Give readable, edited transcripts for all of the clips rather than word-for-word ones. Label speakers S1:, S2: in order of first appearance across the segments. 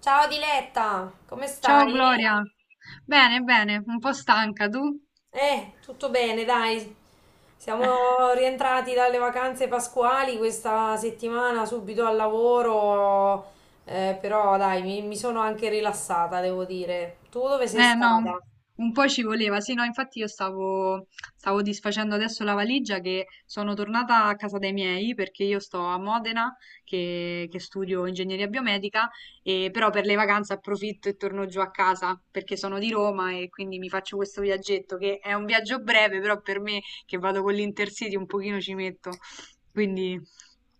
S1: Ciao Diletta, come
S2: Ciao
S1: stai?
S2: Gloria, bene, bene, un po' stanca tu?
S1: Tutto bene, dai. Siamo rientrati dalle vacanze pasquali questa settimana, subito al lavoro, però dai, mi sono anche rilassata, devo dire. Tu dove sei
S2: Eh no, un,
S1: stata?
S2: un po' ci voleva, sì, no, infatti io stavo disfacendo adesso la valigia che sono tornata a casa dei miei perché io sto a Modena che studio ingegneria biomedica e però per le vacanze approfitto e torno giù a casa perché sono di Roma e quindi mi faccio questo viaggetto che è un viaggio breve, però per me che vado con l'Intercity un pochino ci metto, quindi.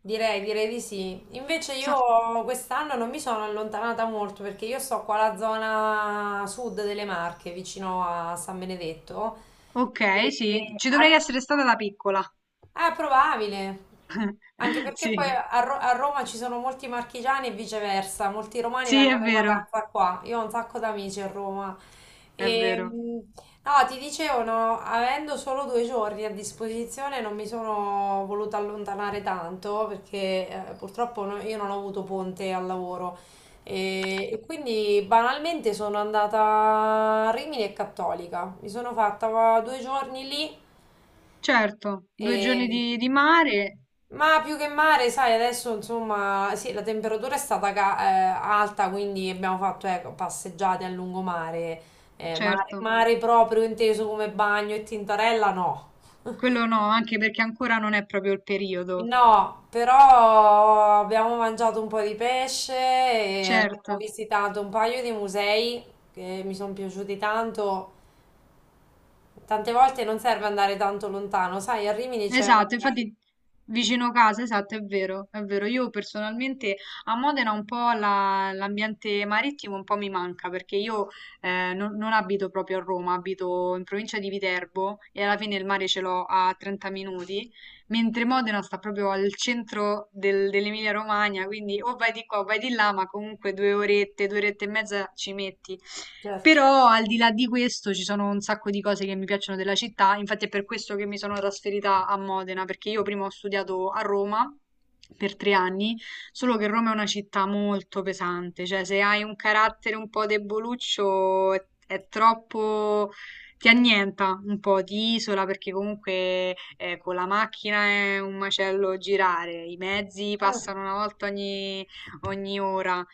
S1: Direi di sì. Invece io
S2: so-
S1: quest'anno non mi sono allontanata molto perché io sto qua alla zona sud delle Marche, vicino a San Benedetto.
S2: Ok,
S1: E-
S2: sì, ci dovrei essere stata da piccola.
S1: Ah, è probabile. Anche perché poi
S2: Sì,
S1: a Roma ci sono molti marchigiani e viceversa, molti romani
S2: sì, è
S1: vengono in
S2: vero,
S1: vacanza qua. Io ho un sacco d'amici a Roma.
S2: è
S1: E,
S2: vero.
S1: mh, no, ti dicevano, avendo solo due giorni a disposizione, non mi sono voluta allontanare tanto perché purtroppo io non ho avuto ponte al lavoro. E quindi banalmente sono andata a Rimini e Cattolica. Mi sono fatta due giorni lì.
S2: Certo, due giorni
S1: E...
S2: di mare,
S1: Ma più che mare, sai, adesso insomma, sì, la temperatura è stata alta, quindi abbiamo fatto ecco, passeggiate a lungomare,
S2: certo.
S1: mare proprio inteso come bagno e tintorella, no.
S2: Quello no, anche perché ancora non è proprio il periodo.
S1: No, però abbiamo mangiato un po' di pesce e
S2: Certo,
S1: abbiamo visitato un paio di musei che mi sono piaciuti tanto. Tante volte non serve andare tanto lontano, sai, a Rimini c'è...
S2: esatto, infatti vicino casa, esatto, è vero, è vero. Io personalmente a Modena un po' l'ambiente marittimo un po' mi manca perché io non abito proprio a Roma, abito in provincia di Viterbo e alla fine il mare ce l'ho a 30 minuti mentre Modena sta proprio al centro dell'Emilia-Romagna, quindi o vai di qua o vai di là, ma comunque due orette e mezza ci metti.
S1: Certo.
S2: Però al di là di questo ci sono un sacco di cose che mi piacciono della città, infatti è per questo che mi sono trasferita a Modena, perché io prima ho studiato a Roma per 3 anni, solo che Roma è una città molto pesante, cioè se hai un carattere un po' deboluccio è troppo ti annienta un po', ti isola perché comunque con la macchina è un macello girare, i mezzi passano una volta ogni ora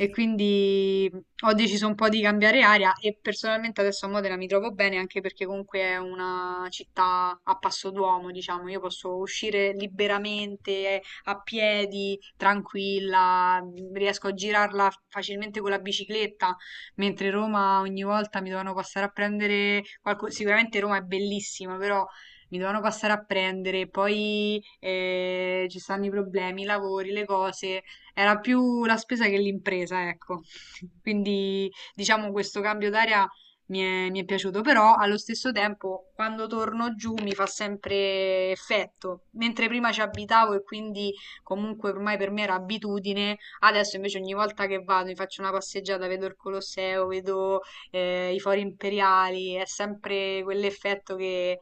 S2: e quindi ho deciso un po' di cambiare aria e personalmente adesso a Modena mi trovo bene anche perché comunque è una città a passo d'uomo, diciamo, io posso uscire liberamente a piedi, tranquilla, riesco a girarla facilmente con la bicicletta mentre Roma ogni volta mi dovevano passare a prendere sicuramente Roma è bellissima, però mi dovevano passare a prendere, poi ci stanno i problemi, i lavori, le cose, era più la spesa che l'impresa, ecco. Quindi diciamo questo cambio d'aria mi è piaciuto, però allo stesso tempo quando torno giù mi fa sempre effetto, mentre prima ci abitavo e quindi comunque ormai per me era abitudine. Adesso invece ogni volta che vado mi faccio una passeggiata, vedo il Colosseo, vedo i fori imperiali, è sempre quell'effetto che,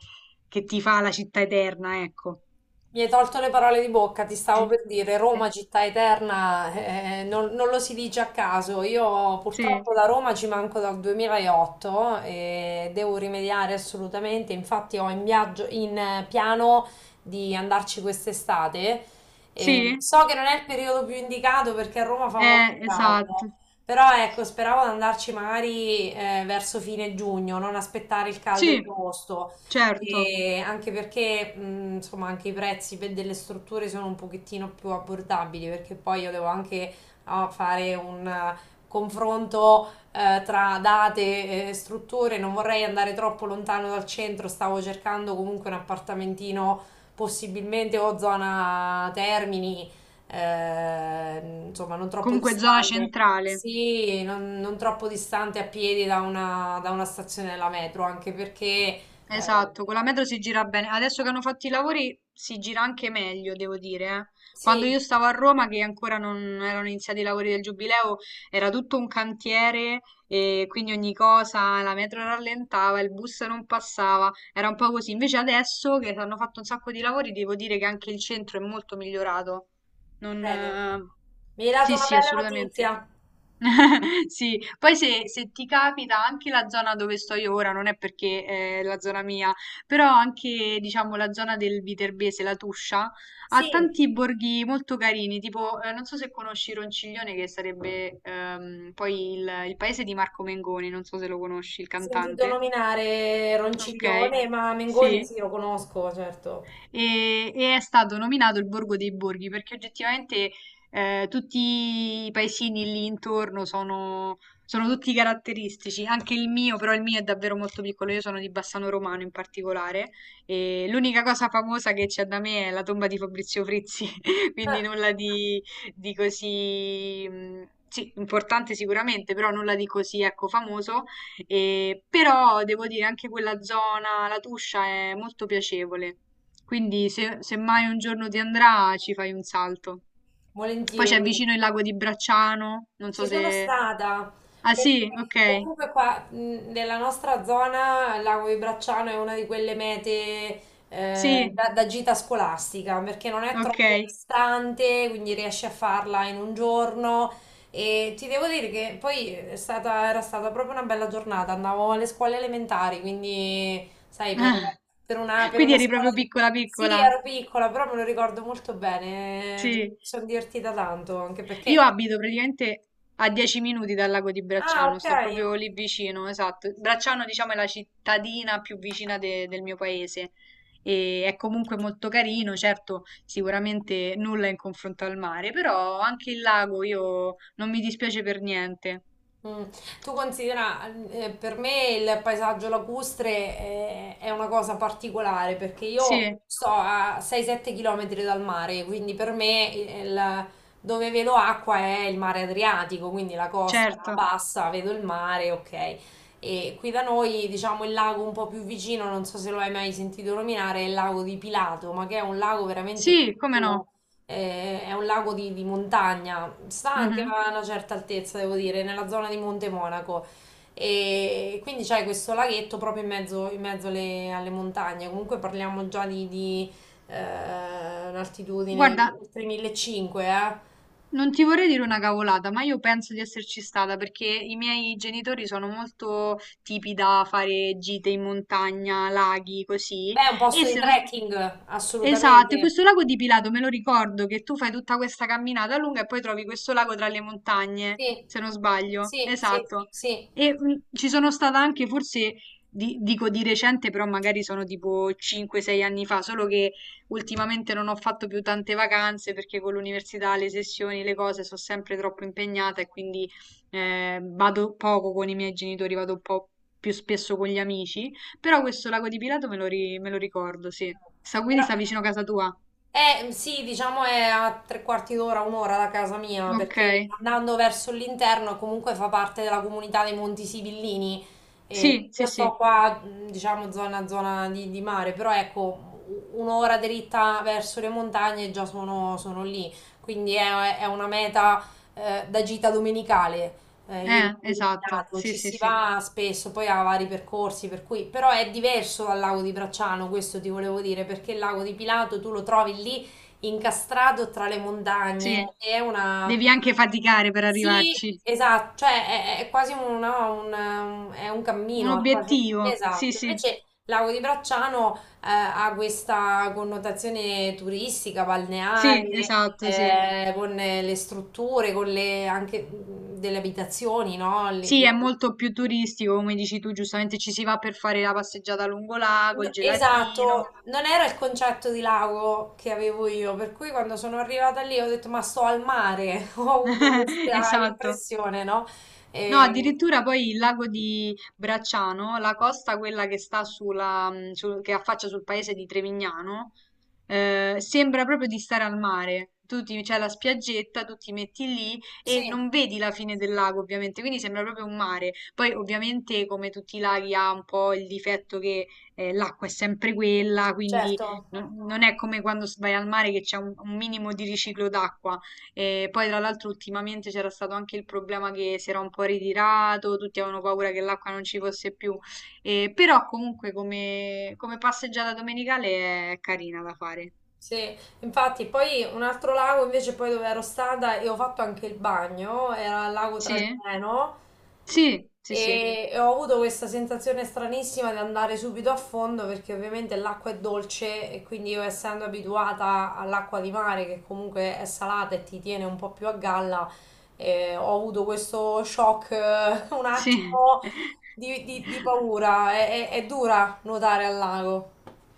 S2: che ti fa la città eterna, ecco.
S1: Mi hai tolto le parole di bocca, ti stavo per dire Roma, città eterna, non lo si dice a caso. Io
S2: Sì,
S1: purtroppo da Roma ci manco dal 2008 e devo rimediare assolutamente. Infatti ho in viaggio, in piano di andarci quest'estate. E
S2: sì,
S1: so che non è il periodo più indicato perché a Roma fa molto caldo,
S2: esatto.
S1: però ecco, speravo di andarci magari verso fine giugno, non aspettare il caldo di
S2: Sì,
S1: agosto.
S2: certo.
S1: E anche perché, insomma, anche i prezzi per delle strutture sono un pochettino più abbordabili, perché poi io devo anche no, fare un confronto tra date e strutture. Non vorrei andare troppo lontano dal centro, stavo cercando comunque un appartamentino, possibilmente o zona Termini, insomma, non troppo
S2: Comunque zona
S1: distante.
S2: centrale.
S1: Sì, non troppo distante a piedi da da una stazione della metro, anche perché eh, eh,
S2: Esatto, con la metro si gira bene. Adesso che hanno fatto i lavori si gira anche meglio, devo dire. Eh. Quando
S1: sì,
S2: io stavo a Roma, che ancora non erano iniziati i lavori del Giubileo, era tutto un cantiere e quindi ogni cosa, la metro rallentava, il bus non passava, era un po' così. Invece adesso che hanno fatto un sacco di lavori, devo dire che anche il centro è molto migliorato. Non,
S1: bene.
S2: eh.
S1: Mi hai dato
S2: Sì,
S1: una
S2: sì,
S1: bella
S2: assolutamente.
S1: notizia.
S2: Sì, poi se ti capita anche la zona dove sto io ora, non è perché è la zona mia, però anche diciamo la zona del Viterbese, la Tuscia,
S1: Sì,
S2: ha
S1: ho
S2: tanti borghi molto carini, tipo non so se conosci Ronciglione che sarebbe poi il paese di Marco Mengoni, non so se lo conosci, il
S1: sentito
S2: cantante.
S1: nominare
S2: Ok,
S1: Ronciglione, ma Mengoni
S2: sì
S1: sì, lo conosco, certo.
S2: e è stato nominato il Borgo dei Borghi perché oggettivamente, tutti i paesini lì intorno sono, sono tutti caratteristici, anche il mio, però il mio è davvero molto piccolo, io sono di Bassano Romano in particolare e l'unica cosa famosa che c'è da me è la tomba di Fabrizio Frizzi, quindi
S1: Ah,
S2: nulla di così. Mm, sì, importante sicuramente, però nulla di così, ecco, famoso. E, però devo dire anche quella zona, la Tuscia, è molto piacevole. Quindi se mai un giorno ti andrà ci fai un salto. Poi c'è
S1: volentieri.
S2: vicino il lago di Bracciano, non
S1: Ci
S2: so
S1: sono
S2: se.
S1: stata,
S2: Ah
S1: perché
S2: sì, ok,
S1: comunque qua nella nostra zona il Lago di Bracciano è una di quelle mete
S2: sì,
S1: da, da gita scolastica, perché non è
S2: ok.
S1: troppo distante, quindi riesci a farla in un giorno. E ti devo dire che poi era stata proprio una bella giornata, andavo alle scuole elementari, quindi sai, per, per
S2: Quindi
S1: una
S2: eri
S1: scuola...
S2: proprio piccola
S1: Sì,
S2: piccola,
S1: ero piccola, però me lo ricordo molto bene, mi
S2: sì.
S1: sono divertita tanto, anche
S2: Io
S1: perché...
S2: abito praticamente a 10 minuti dal lago di
S1: Ah,
S2: Bracciano,
S1: ok.
S2: sto proprio lì vicino, esatto. Bracciano, diciamo, è la cittadina più vicina del mio paese e è comunque molto carino, certo, sicuramente nulla in confronto al mare, però anche il lago io non mi dispiace per niente.
S1: Mm. Tu considera, per me il paesaggio lacustre è, una cosa particolare perché io
S2: Sì,
S1: sto a 6-7 km dal mare, quindi per me dove vedo acqua è il mare Adriatico, quindi la costa la
S2: certo.
S1: bassa, vedo il mare, ok. E qui da noi, diciamo, il lago un po' più vicino, non so se lo hai mai sentito nominare, è il lago di Pilato, ma che è un lago veramente
S2: Sì, come
S1: piccolo.
S2: no.
S1: È un lago di montagna, sta anche
S2: Mhm.
S1: a una certa altezza, devo dire, nella zona di Monte Monaco. E quindi c'è questo laghetto proprio in mezzo alle, alle montagne. Comunque parliamo già un'altitudine
S2: Guarda,
S1: oltre 1500, eh.
S2: non ti vorrei dire una cavolata, ma io penso di esserci stata perché i miei genitori sono molto tipi da fare gite in montagna, laghi, così.
S1: Beh, è un
S2: E
S1: posto di
S2: se non sbaglio,
S1: trekking,
S2: esatto, e
S1: assolutamente.
S2: questo lago di Pilato me lo ricordo che tu fai tutta questa camminata lunga e poi trovi questo lago tra le montagne,
S1: Sì,
S2: se non sbaglio.
S1: sì, sì,
S2: Esatto.
S1: sì.
S2: E ci sono stata anche, forse, dico di recente, però magari sono tipo 5-6 anni fa, solo che ultimamente non ho fatto più tante vacanze perché con l'università, le sessioni, le cose sono sempre troppo impegnata e quindi vado poco con i miei genitori, vado un po' più spesso con gli amici. Però questo lago di Pilato me lo ricordo, sì. Sta, quindi
S1: Però,
S2: sta vicino a casa tua.
S1: sì, diciamo è a tre quarti d'ora, un'ora da casa mia,
S2: Ok.
S1: perché andando verso l'interno comunque fa parte della comunità dei Monti Sibillini. E
S2: Sì,
S1: io
S2: sì,
S1: sto
S2: sì.
S1: qua, diciamo, zona, di mare, però ecco, un'ora dritta verso le montagne e già sono, sono lì. Quindi è una meta, da gita domenicale il lago di
S2: Esatto.
S1: Pilato,
S2: Sì,
S1: ci
S2: sì,
S1: si
S2: sì.
S1: va spesso, poi ha vari percorsi, per cui però è diverso dal lago di Bracciano, questo ti volevo dire, perché il lago di Pilato tu lo trovi lì incastrato tra le
S2: Sì.
S1: montagne, è una...
S2: Devi anche faticare per
S1: Sì,
S2: arrivarci.
S1: esatto, cioè è quasi un, no, un- è un
S2: Un
S1: cammino,
S2: obiettivo. Sì,
S1: esatto,
S2: sì.
S1: invece il lago di Bracciano ha questa connotazione turistica,
S2: Sì,
S1: balneare,
S2: esatto, sì.
S1: con le strutture, con le anche delle abitazioni, no? Lì,
S2: Sì, è molto più turistico, come dici tu, giustamente ci si va per fare la passeggiata lungo lago, il
S1: no,
S2: gelatino.
S1: esatto, non era il concetto di lago che avevo io, per cui quando sono arrivata lì ho detto ma sto al mare, ho avuto questa
S2: Esatto.
S1: impressione, no?
S2: No,
S1: Eh,
S2: addirittura poi il lago di Bracciano, la costa quella che sta che affaccia sul paese di Trevignano, sembra proprio di stare al mare. Tu ti- c'è la spiaggetta, tu ti metti lì
S1: sì,
S2: e non vedi la fine del lago, ovviamente, quindi sembra proprio un mare. Poi, ovviamente, come tutti i laghi, ha un po' il difetto che l'acqua è sempre quella, quindi
S1: certo.
S2: non è come quando vai al mare che c'è un minimo di riciclo d'acqua. E poi tra l'altro ultimamente c'era stato anche il problema che si era un po' ritirato, tutti avevano paura che l'acqua non ci fosse più. Però comunque come passeggiata domenicale è carina da fare.
S1: Sì, infatti poi un altro lago invece poi dove ero stata e ho fatto anche il bagno, era il lago
S2: Sì?
S1: Trasimeno
S2: Sì, sì, sì,
S1: e ho avuto questa sensazione stranissima di andare subito a fondo perché ovviamente l'acqua è dolce e quindi io essendo abituata all'acqua di mare che comunque è salata e ti tiene un po' più a galla, ho avuto questo shock un
S2: sì.
S1: attimo di paura, è dura nuotare al lago.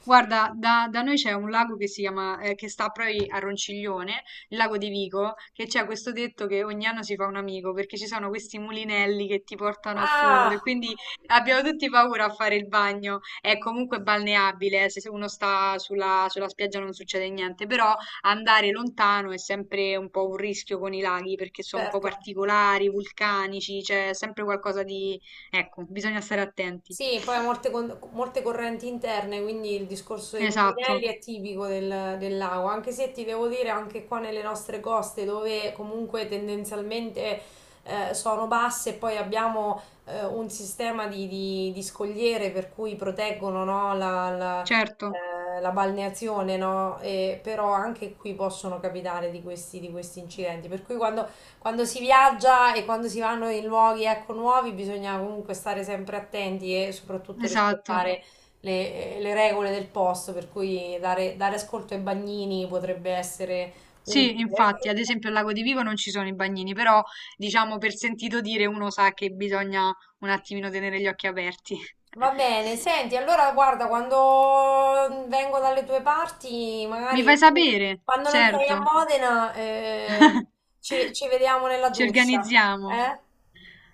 S2: Guarda, da noi c'è un lago che si chiama, che sta proprio a Ronciglione, il lago di Vico, che c'è questo detto che ogni anno si fa un amico, perché ci sono questi mulinelli che ti portano a fondo e
S1: Ah,
S2: quindi abbiamo tutti paura a fare il bagno. È comunque balneabile, se uno sta sulla spiaggia non succede niente, però andare lontano è sempre un po' un rischio con i laghi, perché sono un po'
S1: certo.
S2: particolari, vulcanici, c'è sempre qualcosa di. Ecco, bisogna stare attenti.
S1: Sì, poi ha molte, molte correnti interne, quindi il discorso dei mulinelli
S2: Esatto,
S1: è tipico del lago, anche se ti devo dire anche qua nelle nostre coste dove comunque tendenzialmente sono basse, poi abbiamo un sistema di scogliere per cui proteggono no,
S2: certo,
S1: la balneazione, no? E però anche qui possono capitare di questi incidenti, per cui quando si viaggia e quando si vanno in luoghi ecco, nuovi bisogna comunque stare sempre attenti e soprattutto
S2: esatto.
S1: rispettare le regole del posto, per cui dare ascolto ai bagnini potrebbe essere
S2: Sì,
S1: utile.
S2: infatti, ad esempio al Lago di Vivo non ci sono i bagnini, però diciamo per sentito dire uno sa che bisogna un attimino tenere gli occhi aperti.
S1: Va bene, senti, allora guarda, quando vengo dalle tue parti,
S2: Mi
S1: magari
S2: fai sapere?
S1: quando non sei a
S2: Certo,
S1: Modena, ci vediamo nella
S2: ci
S1: doccia,
S2: organizziamo.
S1: eh?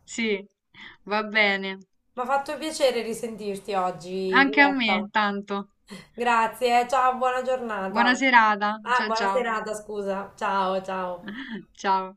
S2: Sì, va bene.
S1: Mi ha fatto piacere risentirti oggi,
S2: Anche a
S1: Roberta.
S2: me, tanto.
S1: Grazie, ciao, buona giornata.
S2: Buona serata.
S1: Ah,
S2: Ciao
S1: buona
S2: ciao.
S1: serata, scusa. Ciao, ciao.
S2: Ciao.